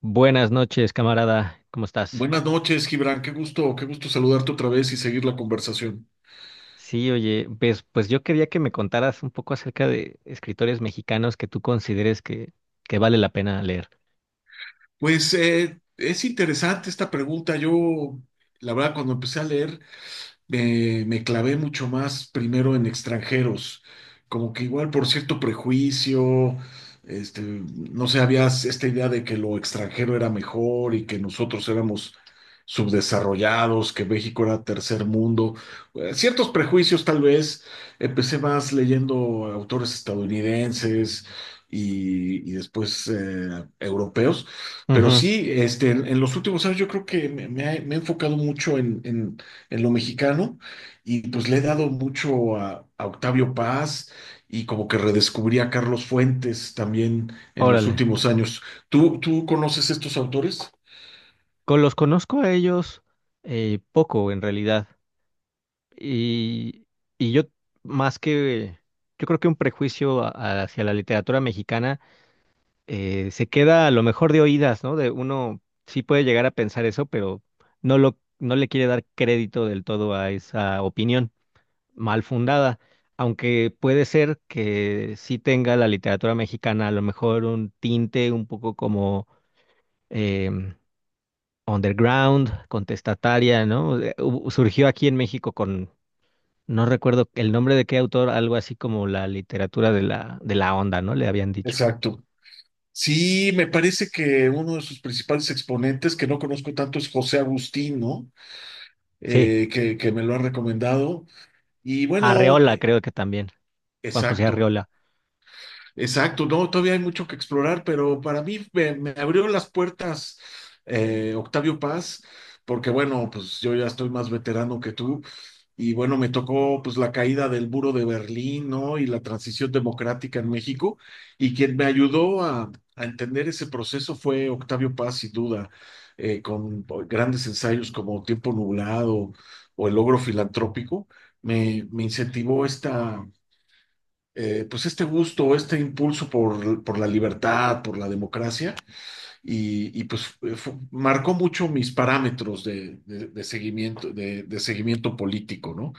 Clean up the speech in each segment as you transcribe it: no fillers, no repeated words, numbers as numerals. Buenas noches, camarada. ¿Cómo estás? Buenas noches, Gibran. Qué gusto saludarte otra vez y seguir la conversación. Sí, oye, pues yo quería que me contaras un poco acerca de escritores mexicanos que tú consideres que vale la pena leer. Pues es interesante esta pregunta. Yo, la verdad, cuando empecé a leer me clavé mucho más primero en extranjeros, como que igual por cierto prejuicio, no sé, había esta idea de que lo extranjero era mejor y que nosotros éramos subdesarrollados, que México era tercer mundo, ciertos prejuicios tal vez, empecé más leyendo autores estadounidenses. Y después europeos, pero Ujú. sí, en los últimos años yo creo que me he enfocado mucho en lo mexicano y pues le he dado mucho a Octavio Paz y como que redescubrí a Carlos Fuentes también en los Órale. últimos años. ¿Tú conoces estos autores? Con los conozco a ellos, poco, en realidad. Y, y yo, más que, yo creo que un prejuicio hacia la literatura mexicana, se queda a lo mejor de oídas, ¿no? De uno sí puede llegar a pensar eso, pero no le quiere dar crédito del todo a esa opinión mal fundada, aunque puede ser que sí tenga la literatura mexicana a lo mejor un tinte un poco como, em, underground, contestataria, ¿no? Surgió aquí en México con, no recuerdo el nombre de qué autor, algo así como la literatura de la onda, ¿no? Le habían dicho. Exacto. Sí, me parece que uno de sus principales exponentes, que no conozco tanto, es José Agustín, ¿no? Sí, Que me lo ha recomendado. Y bueno, Arreola creo que también, Juan José exacto. Arreola. Exacto, no, todavía hay mucho que explorar, pero para mí me abrió las puertas Octavio Paz, porque bueno, pues yo ya estoy más veterano que tú, y bueno, me tocó pues la caída del muro de Berlín, ¿no? Y la transición democrática en México, y quien me ayudó a entender ese proceso fue Octavio Paz, sin duda, con grandes ensayos como Tiempo Nublado o El Logro Filantrópico, me incentivó esta pues este gusto, este impulso por la libertad, por la democracia, y pues marcó mucho mis parámetros de seguimiento, de seguimiento político, ¿no?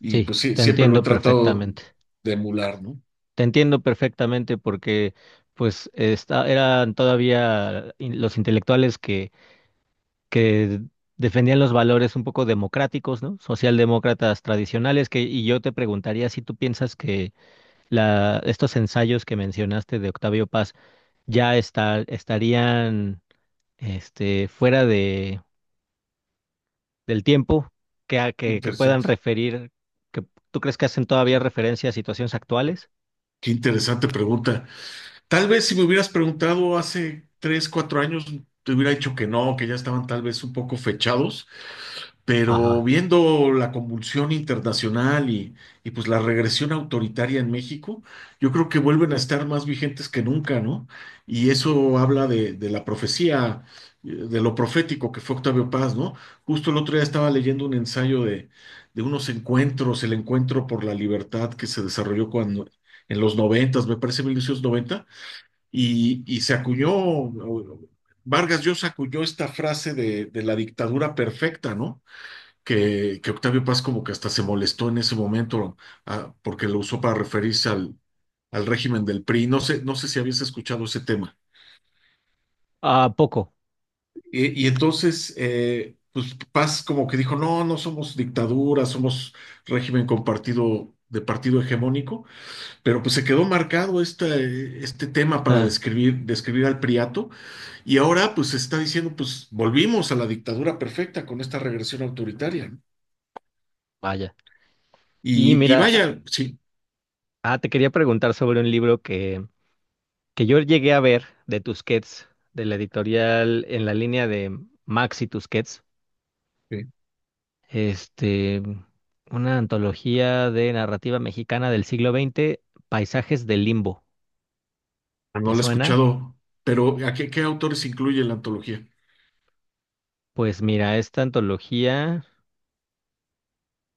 Y Sí, pues sí, te siempre lo he entiendo tratado perfectamente. de emular, ¿no? Te entiendo perfectamente porque pues eran todavía los intelectuales que defendían los valores un poco democráticos, ¿no? Socialdemócratas tradicionales. Y yo te preguntaría si tú piensas que estos ensayos que mencionaste de Octavio Paz ya estarían, fuera del tiempo, que, que puedan Interesante. referir, que tú crees que hacen Sí. todavía referencia a situaciones actuales? Qué interesante pregunta. Tal vez si me hubieras preguntado hace tres, cuatro años, te hubiera dicho que no, que ya estaban tal vez un poco fechados, pero Ajá. viendo la convulsión internacional pues la regresión autoritaria en México, yo creo que vuelven a estar más vigentes que nunca, ¿no? Y eso habla de la profecía, de lo profético que fue Octavio Paz, ¿no? Justo el otro día estaba leyendo un ensayo de unos encuentros, el encuentro por la libertad que se desarrolló cuando, en los noventas, me parece 1990 y se acuñó, Vargas Llosa acuñó esta frase de la dictadura perfecta, ¿no? Que Octavio Paz como que hasta se molestó en ese momento porque lo usó para referirse al régimen del PRI. No sé, no sé si habías escuchado ese tema. Ah, poco. Y entonces, pues Paz como que dijo, no, no somos dictadura, somos régimen compartido de partido hegemónico, pero pues se quedó marcado este tema para Ah, describir, describir al priato y ahora pues se está diciendo, pues volvimos a la dictadura perfecta con esta regresión autoritaria, ¿no? vaya. Y Y mira, vaya, sí. Te quería preguntar sobre un libro que yo llegué a ver de Tusquets, de la editorial en la línea de Maxi Tusquets, este, una antología de narrativa mexicana del siglo XX, Paisajes del Limbo. Ah, no ¿Te la he suena? escuchado, pero ¿a qué autores incluye la antología? Pues mira, esta antología,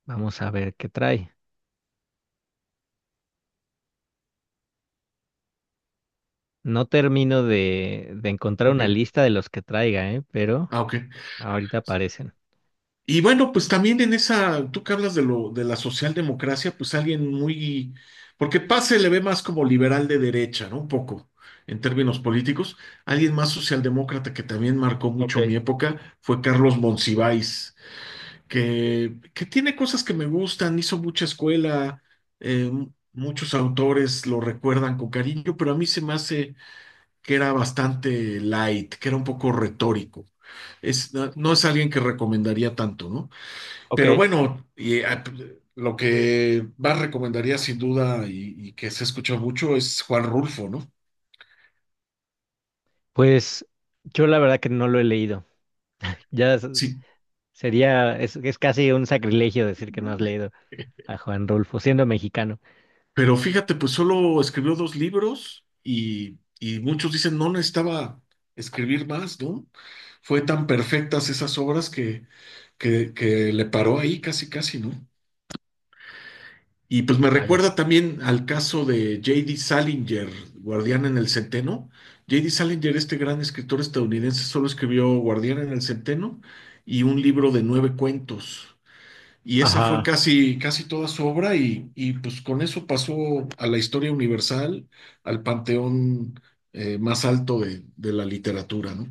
vamos a ver qué trae. No termino de encontrar Ok, una lista de los que traiga, ¿eh? Pero ok. ahorita aparecen. Y bueno, pues también en esa, tú que hablas de lo de la socialdemocracia, pues alguien muy, porque Paz se le ve más como liberal de derecha, ¿no? Un poco, en términos políticos. Alguien más socialdemócrata que también marcó Ok, mucho mi época fue Carlos Monsiváis, que tiene cosas que me gustan, hizo mucha escuela, eh, muchos autores lo recuerdan con cariño, pero a mí se me hace que era bastante light, que era un poco retórico. Es, no, no es alguien que recomendaría tanto, ¿no? ok. Pero bueno, lo que más recomendaría sin duda y que se escucha mucho es Juan Rulfo, ¿no? Pues yo la verdad que no lo he leído. Ya s- Sí, es casi un sacrilegio decir que no has leído a Juan Rulfo, siendo mexicano. pero fíjate, pues solo escribió dos libros y muchos dicen no necesitaba escribir más, ¿no? Fue tan perfectas esas obras que le paró ahí casi, casi, ¿no? Y pues me Vaya. recuerda también al caso de J.D. Salinger, Guardián en el Centeno. J.D. Salinger, este gran escritor estadounidense, solo escribió Guardián en el Centeno y un libro de nueve cuentos. Y esa fue Ajá. casi, casi toda su obra y pues con eso pasó a la historia universal, al panteón más alto de la literatura, ¿no?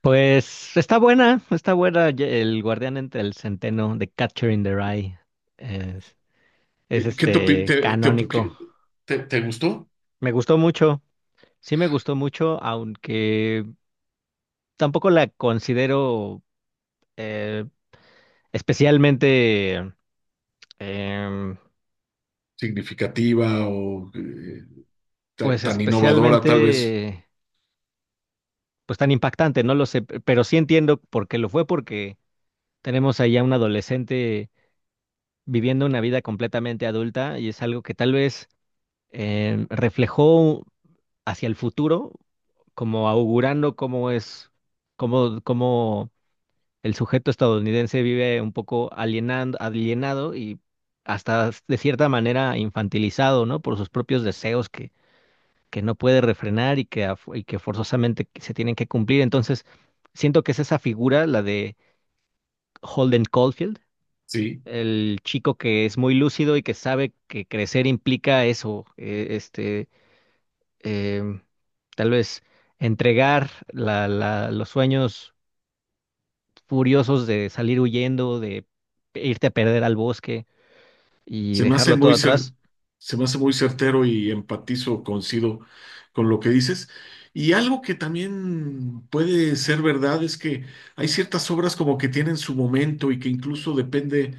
Pues está buena, está buena, El Guardián entre el Centeno, de Catcher in the Rye. Es, es ¿Qué te, opi- este te op- canónico. qué- te- te gustó? Me gustó mucho, sí me gustó mucho, aunque tampoco la considero, eh, especialmente, em, ¿Significativa o pues tan innovadora tal vez? especialmente, pues tan impactante, no lo sé, pero sí entiendo por qué lo fue, porque tenemos ahí a un adolescente viviendo una vida completamente adulta, y es algo que tal vez, reflejó hacia el futuro, como augurando cómo el sujeto estadounidense vive un poco alienado, y hasta de cierta manera infantilizado, ¿no? Por sus propios deseos que no puede refrenar y que forzosamente se tienen que cumplir. Entonces, siento que es esa figura, la de Holden Caulfield, Sí. el chico que es muy lúcido y que sabe que crecer implica eso, em, tal vez entregar los sueños furiosos de salir huyendo, de irte a perder al bosque y Se me hace dejarlo todo muy cer- atrás. se me hace muy certero y empatizo, coincido con lo que dices. Y algo que también puede ser verdad es que hay ciertas obras como que tienen su momento y que incluso depende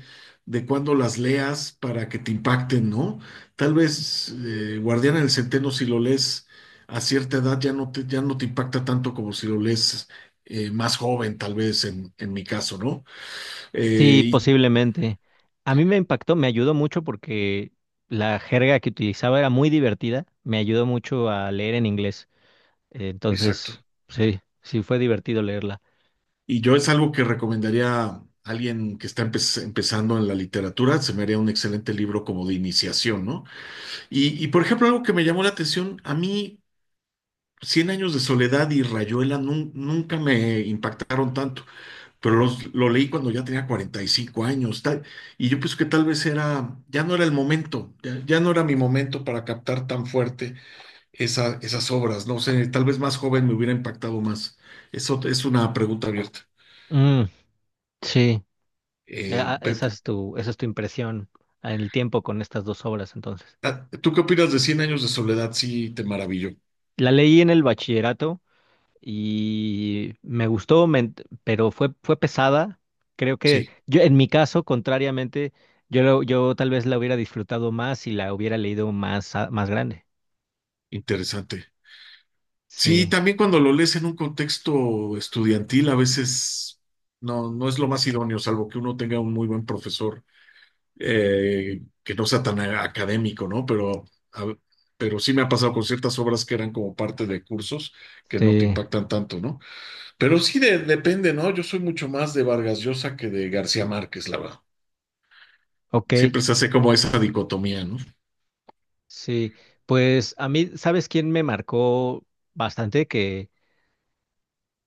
de cuándo las leas para que te impacten, ¿no? Tal vez Guardián en el Centeno, si lo lees a cierta edad, ya no ya no te impacta tanto como si lo lees más joven, tal vez en mi caso, ¿no? Eh, Sí, y posiblemente. A mí me impactó, me ayudó mucho porque la jerga que utilizaba era muy divertida, me ayudó mucho a leer en inglés. Exacto. Entonces, sí, sí fue divertido leerla. Y yo es algo que recomendaría a alguien que está empezando en la literatura, se me haría un excelente libro como de iniciación, ¿no? Por ejemplo, algo que me llamó la atención, a mí Cien años de soledad y Rayuela nunca me impactaron tanto, pero lo leí cuando ya tenía 45 años, tal, y yo pienso que tal vez era, ya no era el momento, ya no era mi momento para captar tan fuerte esas obras, no sé, tal vez más joven me hubiera impactado más. Eso es una pregunta abierta. Mm, sí. Eh, pe- Esa es tu impresión en el tiempo con estas dos obras, entonces. Ah, ¿tú qué opinas de Cien años de soledad? Sí, te maravilló. La leí en el bachillerato y me gustó, pero fue pesada. Creo que Sí, yo, en mi caso, contrariamente, yo tal vez la hubiera disfrutado más y la hubiera leído más, más grande. interesante. Sí, Sí, también cuando lo lees en un contexto estudiantil, a veces no, no es lo más idóneo, salvo que uno tenga un muy buen profesor que no sea tan académico, ¿no? Pero, a pero sí me ha pasado con ciertas obras que eran como parte de cursos que no te sí, impactan tanto, ¿no? Pero sí depende, ¿no? Yo soy mucho más de Vargas Llosa que de García Márquez, la verdad. ok, Siempre se hace como esa dicotomía, ¿no? sí. Pues a mí, ¿sabes quién me marcó bastante? Que,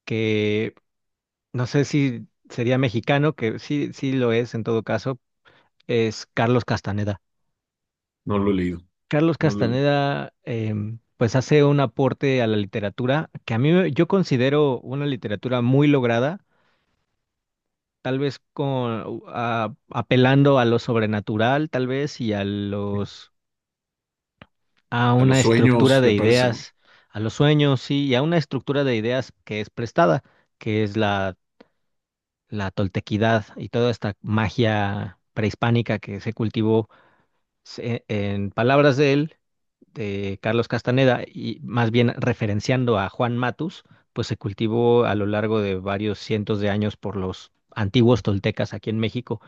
que no sé si sería mexicano, que sí, sí lo es en todo caso, es Carlos Castaneda. No lo he leído. Carlos No lo he leído. Castaneda, pues hace un aporte a la literatura que a mí yo considero una literatura muy lograda, tal vez con apelando a lo sobrenatural, tal vez, y a los, a A una los estructura sueños, de me parece, ¿no? ideas, a los sueños, sí, y a una estructura de ideas que es prestada, que es la la toltequidad y toda esta magia prehispánica que se cultivó, en palabras de él, de Carlos Castaneda, y más bien referenciando a Juan Matus, pues se cultivó a lo largo de varios cientos de años por los antiguos toltecas aquí en México.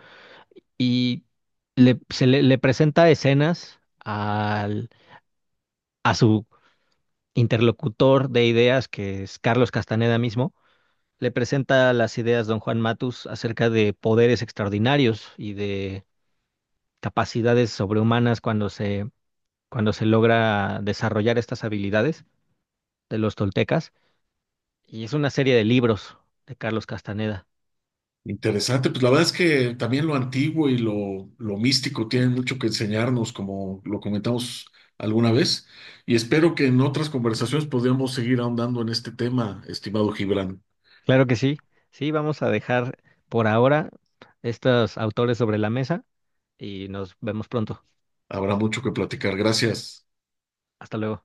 Y le presenta escenas a su interlocutor de ideas, que es Carlos Castaneda mismo, le presenta las ideas don Juan Matus acerca de poderes extraordinarios y de capacidades sobrehumanas cuando se logra desarrollar estas habilidades de los toltecas. Y es una serie de libros de Carlos Castaneda. Interesante, pues la verdad es que también lo antiguo y lo místico tienen mucho que enseñarnos, como lo comentamos alguna vez, y espero que en otras conversaciones podamos seguir ahondando en este tema, estimado Gibran. Claro que sí. Sí, vamos a dejar por ahora estos autores sobre la mesa y nos vemos pronto. Habrá mucho que platicar. Gracias. Hasta luego.